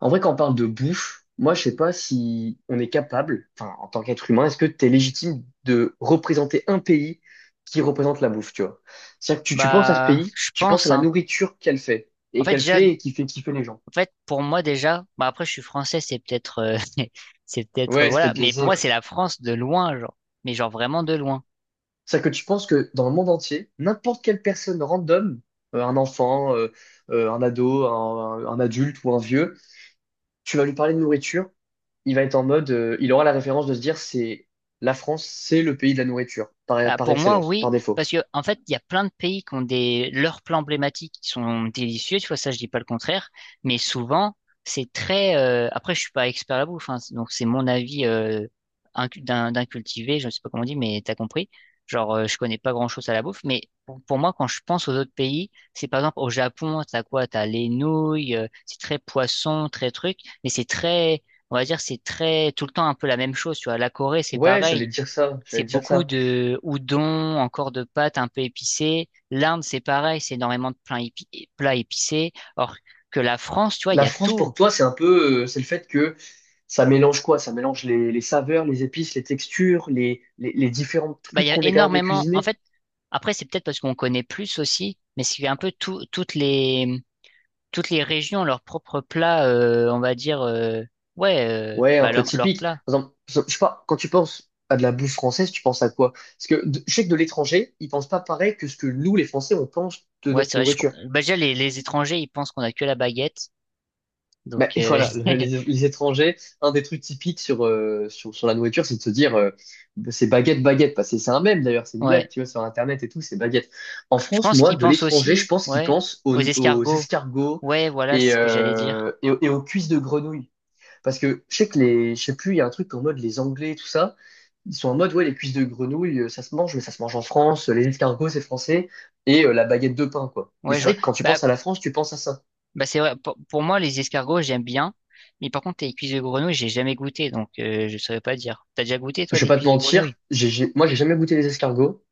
En vrai, quand on parle de bouffe, moi, je sais pas si on est capable, enfin, en tant qu'être humain, est-ce que tu es légitime de représenter un pays qui représente la bouffe, tu vois? C'est-à-dire que tu penses à ce Bah, pays, je tu penses à pense, la hein. nourriture qu'elle fait, En et fait, qu'elle déjà, fait et qui fait kiffer les gens. en fait, pour moi, déjà, bah après, je suis français, c'est peut-être, c'est peut-être, Ouais, c'est voilà. peut-être Mais biaisé, pour ouais. moi, c'est la France de loin, genre. Mais genre vraiment de loin. C'est-à-dire que tu penses que dans le monde entier, n'importe quelle personne random, un enfant, un ado, un adulte ou un vieux, tu vas lui parler de nourriture, il va être en mode, il aura la référence de se dire, c'est la France, c'est le pays de la nourriture, par, Bah, par pour moi, excellence, par oui, défaut. parce que en fait, il y a plein de pays qui ont des leurs plats emblématiques qui sont délicieux, tu vois, ça je dis pas le contraire, mais souvent c'est très. Après, je suis pas expert à la bouffe, hein, donc c'est mon avis d'un cultivé, je ne sais pas comment on dit, mais t'as compris. Genre, je connais pas grand-chose à la bouffe, mais pour moi, quand je pense aux autres pays, c'est par exemple au Japon, t'as quoi? T'as les nouilles, c'est très poisson, très truc, mais c'est très, on va dire, c'est très tout le temps un peu la même chose, tu vois. La Corée, c'est Ouais, j'allais pareil, te dire ça, c'est j'allais te dire beaucoup ça. de udon, encore de pâtes un peu épicées. L'Inde, c'est pareil, c'est énormément de plats épicés. Or que la France, tu vois, il y La a France, pour tout. toi, c'est un peu, c'est le fait que ça mélange quoi? Ça mélange les saveurs, les épices, les textures, les différents Bah, il trucs y a qu'on est capable de énormément. En cuisiner. fait, après, c'est peut-être parce qu'on connaît plus aussi, mais c'est un peu tout, toutes les régions, leurs propres plats, on va dire, ouais, Ouais, un bah, peu leurs typique. plats. Par exemple, je sais pas, quand tu penses à de la bouffe française, tu penses à quoi? Parce que je sais que de l'étranger, ils pensent pas pareil que ce que nous, les Français, on pense de Ouais, notre c'est vrai. Nourriture. Bah, déjà, les étrangers, ils pensent qu'on a que la baguette. Ben, Donc, et voilà, le- les, les étrangers, un des trucs typiques sur la nourriture, c'est de se dire c'est baguette, baguette. Parce que c'est un mème d'ailleurs, c'est une blague, ouais. tu vois, sur Internet et tout, c'est baguette. En Je France, pense moi, qu'ils de pensent l'étranger, je aussi, pense qu'ils ouais, pensent aux, aux aux escargots. escargots Ouais, voilà c'est et, ce que j'allais dire. euh, et, aux et aux cuisses de grenouille. Parce que je sais que je sais plus, il y a un truc en mode les Anglais, tout ça, ils sont en mode ouais, les cuisses de grenouille, ça se mange, mais ça se mange en France, les escargots, c'est français, et la baguette de pain, quoi. Mais Ouais, c'est je vois. vrai que quand tu Bah, penses à la France, tu penses à ça. bah c'est vrai. Pour moi, les escargots, j'aime bien. Mais par contre, les cuisses de grenouille, j'ai jamais goûté, donc je saurais pas dire. T'as déjà goûté, toi, Je vais des pas te cuisses de grenouille? mentir, moi j'ai jamais goûté les escargots,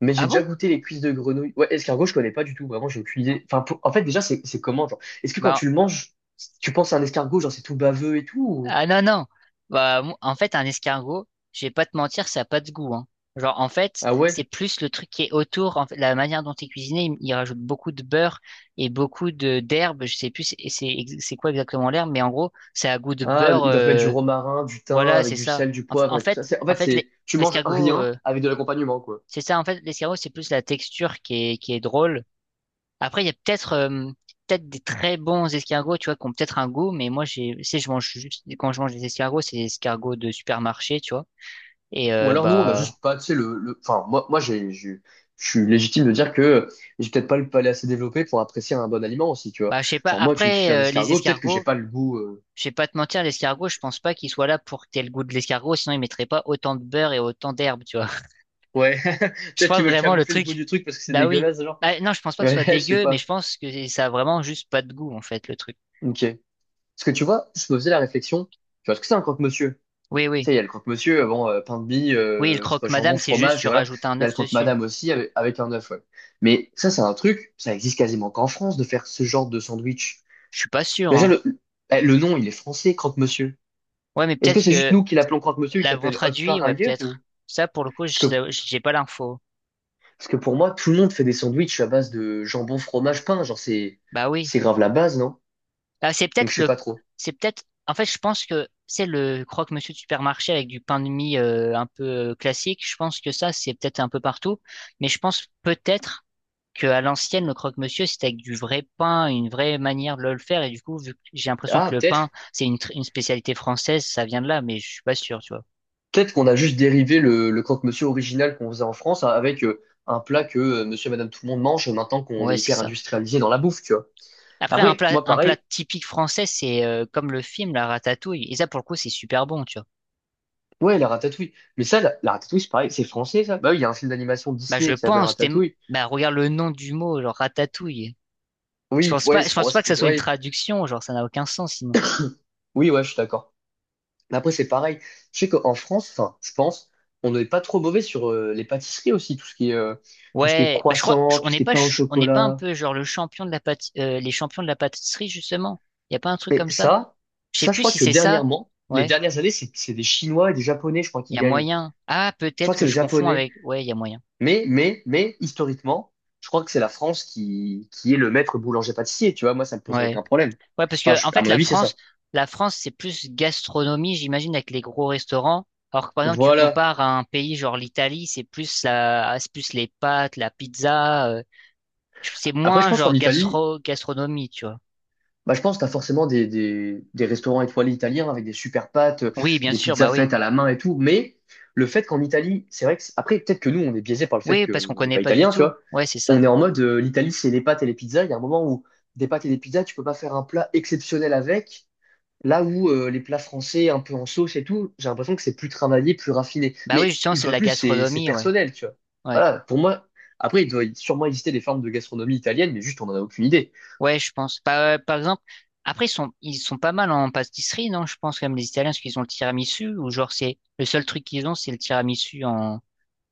mais j'ai Ah déjà bon? goûté les cuisses de grenouille. Ouais, escargot, je connais pas du tout, vraiment, j'ai aucune idée. Enfin, en fait, déjà, c'est comment, genre, est-ce que quand Bah, tu le manges, tu penses à un escargot, genre c'est tout baveux et tout? Ah non, non. Bah, en fait, un escargot, je vais pas te mentir, ça a pas de goût, hein. Genre, en fait, Ah ouais? c'est plus le truc qui est autour, en fait, la manière dont est cuisiné, il rajoute beaucoup de beurre et beaucoup de d'herbes. Je sais plus c'est c'est quoi exactement l'herbe, mais en gros, ça a goût de Ah, beurre. ils doivent mettre du euh, romarin, du thym, Voilà, avec c'est du ça. sel, du poivre en et tout ça. fait, C'est, en en fait, fait, c'est, tu manges l'escargot, rien avec de l'accompagnement, quoi. c'est ça. En fait, l'escargot, c'est plus la texture qui est drôle. Après, il y a peut-être peut-être des très bons escargots, tu vois, qui ont peut-être un goût, mais moi, tu sais, je mange juste, quand je mange des escargots, c'est des escargots de supermarché, tu vois. Et Ou alors, nous, on a bah, juste pas, tu sais, enfin, je suis légitime de dire que j'ai peut-être pas le palais assez développé pour apprécier un bon aliment aussi, tu vois. bah, je sais pas. Genre, moi, tu me Après, files un les escargot, peut-être que j'ai escargots, pas le goût. Je vais pas te mentir, l'escargot, je pense pas qu'il soit là pour que t'aies le goût de l'escargot, sinon il mettrait pas autant de beurre et autant d'herbe, tu vois. Ouais, Je peut-être pense qu'ils veulent vraiment le camoufler le goût truc. du truc parce que c'est Bah oui. dégueulasse, genre. Bah, non, je pense pas que ce Ouais, soit je sais dégueu, mais je pas. pense que ça a vraiment juste pas de goût, en fait, le truc. Ok. Parce que tu vois, je me faisais la réflexion, tu vois, est-ce que c'est un croque-monsieur? Oui, Tu oui. sais, il y a le croque-monsieur, bon, pain de mie, Oui, le c'est quoi, jambon, croque-madame, c'est juste fromage, tu et voilà. rajoutes un Il y a œuf le dessus. croque-madame aussi avec un œuf, ouais. Mais ça, c'est un truc, ça existe quasiment qu'en France de faire ce genre de sandwich. Je suis pas sûr, Déjà, hein. le nom, il est français, croque-monsieur. Ouais, mais Est-ce que peut-être c'est juste que nous qui l'appelons croque-monsieur, il l'avons s'appelle autre traduit, part ouais, ailleurs, ou? peut-être. Ça, pour le coup, Parce que, j'ai pas l'info. parce que pour moi, tout le monde fait des sandwichs à base de jambon, fromage, pain, genre, c'est, Bah oui. c'est grave la base, non? Ah, c'est Donc peut-être je sais le, pas trop. c'est peut-être, en fait, je pense que c'est le croque-monsieur de supermarché avec du pain de mie un peu classique. Je pense que ça, c'est peut-être un peu partout, mais je pense peut-être que à l'ancienne, le croque-monsieur, c'était avec du vrai pain, une vraie manière de le faire. Et du coup, vu que j'ai l'impression Ah, que le pain, peut-être, c'est une spécialité française, ça vient de là, mais je suis pas sûr, tu vois. peut-être qu'on a juste dérivé le croque-monsieur original qu'on faisait en France avec un plat que monsieur et madame tout le monde mange maintenant qu'on Ouais, est c'est hyper ça. industrialisé dans la bouffe, tu vois. Après, Après, moi un plat pareil, typique français, c'est comme le film, la ratatouille. Et ça, pour le coup, c'est super bon, tu vois. ouais, la ratatouille. Mais ça, la ratatouille, c'est pareil, c'est français ça. Bah oui, il y a un film d'animation Bah, Disney qui s'appelle Ratatouille. bah, regarde le nom du mot, genre ratatouille. Oui, ouais, Je c'est pour pense moi pas ça que ça fait soit une ouais. traduction, genre, ça n'a aucun sens, sinon. Oui, ouais, je suis d'accord. Mais après, c'est pareil. Je sais qu'en France, enfin, je pense, on n'est pas trop mauvais sur les pâtisseries aussi, tout ce qui est tout ce qui est Ouais, bah, croissant, on tout ce n'est qui est pas, pain au on n'est pas un chocolat. peu, genre, le champion de la pâti- les champions de la pâtisserie, justement. Y a pas un truc Mais comme ça? ça, Je sais ça, je plus crois si que c'est ça. dernièrement, les Ouais, dernières années, c'est des Chinois et des Japonais, je crois, qui il y a gagnent. moyen. Ah, Je crois peut-être que que c'est les je confonds Japonais. avec. Ouais, il y a moyen. Mais, historiquement, je crois que c'est la France qui est le maître boulanger-pâtissier, tu vois. Moi, ça me Ouais. poserait aucun problème. Ouais, parce Enfin, que en à fait, mon avis, c'est ça. la France, c'est plus gastronomie, j'imagine, avec les gros restaurants. Alors que par exemple, tu Voilà. compares à un pays genre l'Italie, c'est plus c'est plus les pâtes, la pizza. C'est Après, je moins pense qu'en genre Italie, gastro, gastronomie, tu vois. bah, je pense que tu as forcément des restaurants étoilés italiens avec des super pâtes, Oui, bien des sûr, pizzas bah oui. faites à la main et tout. Mais le fait qu'en Italie, c'est vrai que, après, peut-être que nous, on est biaisé par le fait Oui, qu'on parce qu'on n'est connaît pas pas du italien, tu tout. vois. Ouais, c'est ça. On est en mode, l'Italie, c'est les pâtes et les pizzas. Il y a un moment où des pâtes et des pizzas, tu peux pas faire un plat exceptionnel avec. Là où les plats français, un peu en sauce et tout, j'ai l'impression que c'est plus travaillé, plus raffiné. Bah Mais oui, justement, une c'est de fois de la plus, c'est gastronomie, ouais. personnel, tu vois. Ouais. Voilà, pour moi, après, il doit sûrement exister des formes de gastronomie italienne, mais juste, on n'en a aucune idée. Ouais, je pense. Par exemple, après, ils sont pas mal en pâtisserie, non? Je pense, comme les Italiens, parce qu'ils ont le tiramisu, ou genre, c'est le seul truc qu'ils ont, c'est le tiramisu en,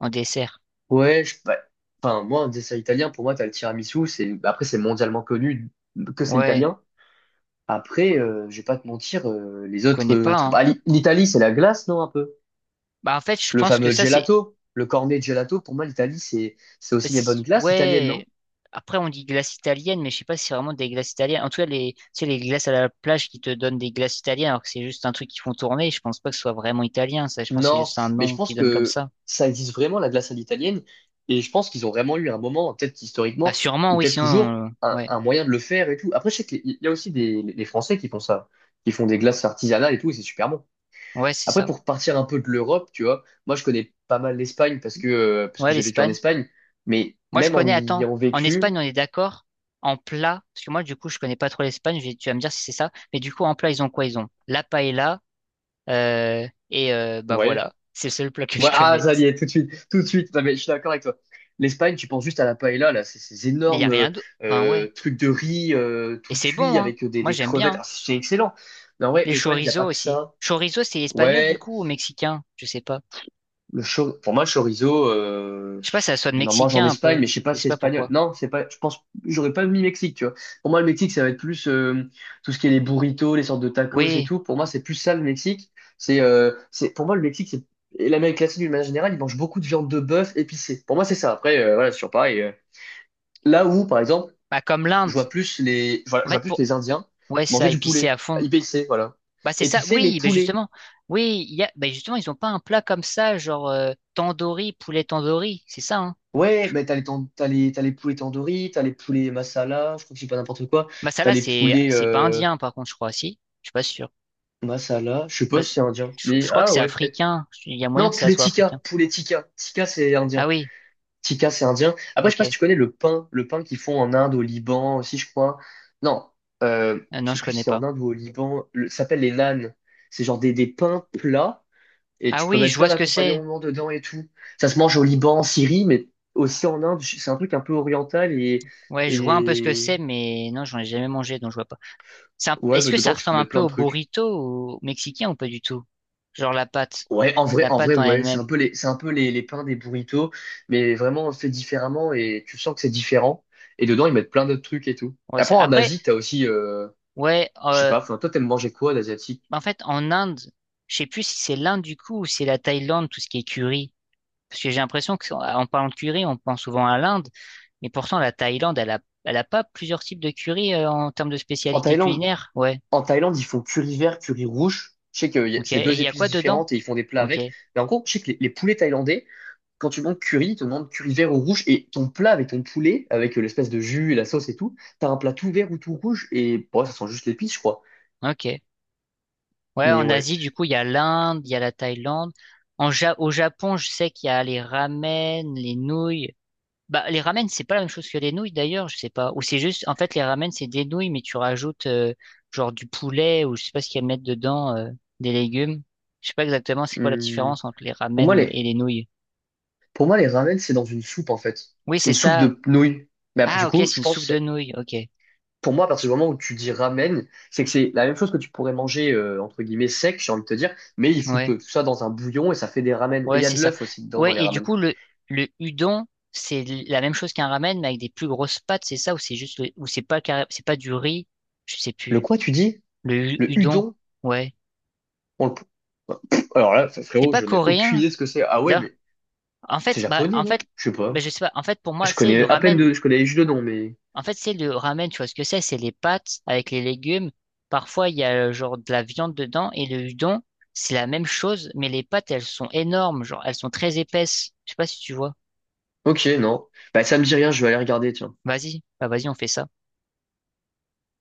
en dessert. Ouais, bah, enfin, moi, un dessert italien, pour moi, t'as le tiramisu, bah, après, c'est mondialement connu que c'est Ouais, italien. Après, je vais pas te mentir, les on autres connaît pas, trucs, hein. bah, l'Italie, c'est la glace, non, un peu? Bah, en fait, je Le pense que fameux ça, c'est, gelato, le cornet gelato, pour moi, l'Italie, c'est aussi les bonnes glaces italiennes, non? ouais, après, on dit glace italienne, mais je sais pas si c'est vraiment des glaces italiennes. En tout cas, les, tu sais, les glaces à la plage qui te donnent des glaces italiennes, alors que c'est juste un truc qu'ils font tourner, je pense pas que ce soit vraiment italien, ça. Je pense que c'est Non, juste un mais je nom pense qu'ils donnent comme que ça. ça existe vraiment, la glace à l'italienne, et je pense qu'ils ont vraiment eu un moment, peut-être Bah, historiquement, sûrement, ou oui, peut-être toujours, sinon, un, ouais. un moyen de le faire et tout. Après, je sais qu'il y a aussi les Français qui font ça, qui font des glaces artisanales et tout, et c'est super bon. Ouais, c'est Après, ça. pour partir un peu de l'Europe, tu vois, moi je connais pas mal l'Espagne parce que Ouais, j'ai vécu en l'Espagne. Espagne, mais Moi, je même en connais, y attends, ayant en vécu, Espagne, on est d'accord? En plat, parce que moi, du coup, je connais pas trop l'Espagne, tu vas me dire si c'est ça, mais du coup, en plat, ils ont quoi? Ils ont la paella, et bah ouais, voilà, c'est le seul plat que je ouais, ah connais. ça y est, tout de suite, tout de suite. Non mais je suis d'accord avec toi. L'Espagne, tu penses juste à la paella là, c'est ces Mais il n'y a énormes rien d'autre. Enfin, ouais. Trucs de riz Et tout c'est bon, cuit hein. avec des, Moi, des j'aime bien. crevettes. Hein. Ah, c'est excellent. Non ouais, Les l'Espagne, il y a chorizo pas que aussi. ça. Chorizo, c'est espagnol, du Ouais, coup, ou mexicain? Je sais pas. Pour moi, le chorizo, Je sais pas, si ça sonne on en mange en mexicain un Espagne, peu. mais je sais pas Je si sais c'est pas espagnol. pourquoi. Non, c'est pas. Je pense, j'aurais pas mis Mexique, tu vois. Pour moi, le Mexique, ça va être plus tout ce qui est les burritos, les sortes de tacos et Oui, tout. Pour moi, c'est plus ça le Mexique. C'est, c'est. Pour moi, le Mexique, c'est et l'Amérique latine d'une manière générale, ils mangent beaucoup de viande de bœuf épicée. Pour moi, c'est ça. Après, voilà, sur pareil. Là où, par exemple, bah comme je l'Inde. vois plus les, je vois, En je vois fait, plus pour... les Indiens Ouais, manger ça, du épicé à poulet fond. épicé, voilà. Bah c'est ça, Épicé, mais oui, bah poulet. justement, oui, il y a, bah justement, ils ont pas un plat comme ça, genre tandoori, poulet tandoori, c'est ça, hein. Ouais, mais t'as les poulets tandoori, t'as les poulets masala, je crois que j'ai pas n'importe quoi. Bah ça T'as là, les c'est poulets c'est pas indien par contre, je crois, si, je suis pas sûr. masala, je sais Bah, pas si c'est indien. Je Mais crois que ah c'est ouais, peut-être. africain, il y a moyen Non, que ça poulet soit tikka, africain. poulet tikka. Tikka, c'est Ah indien. oui, Tikka, c'est indien. Après, je sais pas si ok. tu connais le pain qu'ils font en Inde, au Liban aussi, je crois. Non, euh, je Non, sais je plus si connais c'est en pas. Inde ou au Liban. Ça s'appelle les naans. C'est genre des pains plats et Ah tu peux oui, mettre je plein vois ce que c'est. d'accompagnements dedans et tout. Ça se mange au Liban, en Syrie, mais aussi en Inde. C'est un truc un peu oriental Ouais, je vois un peu ce que et... c'est, mais non, j'en ai jamais mangé, donc je vois pas. Ouais, Est-ce bah que ça dedans, tu peux ressemble un mettre peu plein de au trucs. burrito au mexicain ou pas du tout? Genre la pâte, Ouais, en vrai, la en vrai, pâte en ouais, c'est un elle-même. peu les, c'est un peu les pains des burritos, mais vraiment fait différemment et tu sens que c'est différent. Et dedans, ils mettent plein d'autres trucs et tout. Ouais, ça... Après, en après, Asie, t'as aussi, ouais. je sais euh, pas, enfin, toi, t'aimes manger quoi d'asiatique? En fait, en Inde, je sais plus si c'est l'Inde du coup ou si c'est la Thaïlande, tout ce qui est curry. Parce que j'ai l'impression qu'en parlant de curry, on pense souvent à l'Inde, mais pourtant la Thaïlande, elle a pas plusieurs types de curry en termes de En spécialité Thaïlande, culinaire. Ouais, en Thaïlande, ils font curry vert, curry rouge. Je sais que ok. c'est Et deux il y a épices quoi dedans? différentes et ils font des plats Ok, avec. Mais en gros, je sais que les poulets thaïlandais, quand tu manges curry, tu demandes curry vert ou rouge, et ton plat avec ton poulet, avec l'espèce de jus et la sauce et tout, t'as un plat tout vert ou tout rouge, et bon, ça sent juste l'épice, je crois. ok. Ouais, Mais en ouais. Asie, du coup, il y a l'Inde, il y a la Thaïlande. Au Japon, je sais qu'il y a les ramen, les nouilles. Bah, les ramen, c'est pas la même chose que les nouilles d'ailleurs, je sais pas. Ou c'est juste, en fait, les ramen, c'est des nouilles, mais tu rajoutes genre du poulet ou je sais pas ce qu'il y a à mettre dedans, des légumes. Je sais pas exactement c'est quoi la Hum, différence entre Pour moi, et les, les nouilles. pour moi, les ramen, c'est dans une soupe, en fait. Oui, C'est c'est une soupe ça. de nouilles. Mais après, du Ah, ok, coup, c'est je une soupe pense, de nouilles. Ok. pour moi, à partir du moment où tu dis ramen, c'est que c'est la même chose que tu pourrais manger, entre guillemets, sec, j'ai envie de te dire, mais ils foutent Ouais. tout ça dans un bouillon et ça fait des ramen. Et il Ouais, y a c'est de ça. l'œuf aussi dedans, dans Ouais, les et du ramen. coup, le udon, c'est la même chose qu'un ramen, mais avec des plus grosses pâtes, c'est ça? Ou c'est juste, ou c'est pas, c'est pas du riz? Je sais Le plus. quoi, tu dis? Le Udon. udon? Ouais. On le... Alors là, C'est frérot, pas je n'ai aucune coréen. idée de ce que c'est. Ah ouais, mais En c'est fait, bah, japonais, en non? fait, Je sais bah, pas. je sais pas. En fait, pour moi, Je c'est le connais à peine ramen. Je connais juste le nom. En fait, c'est le ramen, tu vois ce que c'est? C'est les pâtes avec les légumes. Parfois, il y a genre de la viande dedans et le udon, c'est la même chose, mais les pâtes, elles sont énormes, genre elles sont très épaisses. Je sais pas si tu vois. Ok, non. Bah, ça me dit rien, je vais aller regarder, tiens. Vas-y, bah vas-y, on fait ça.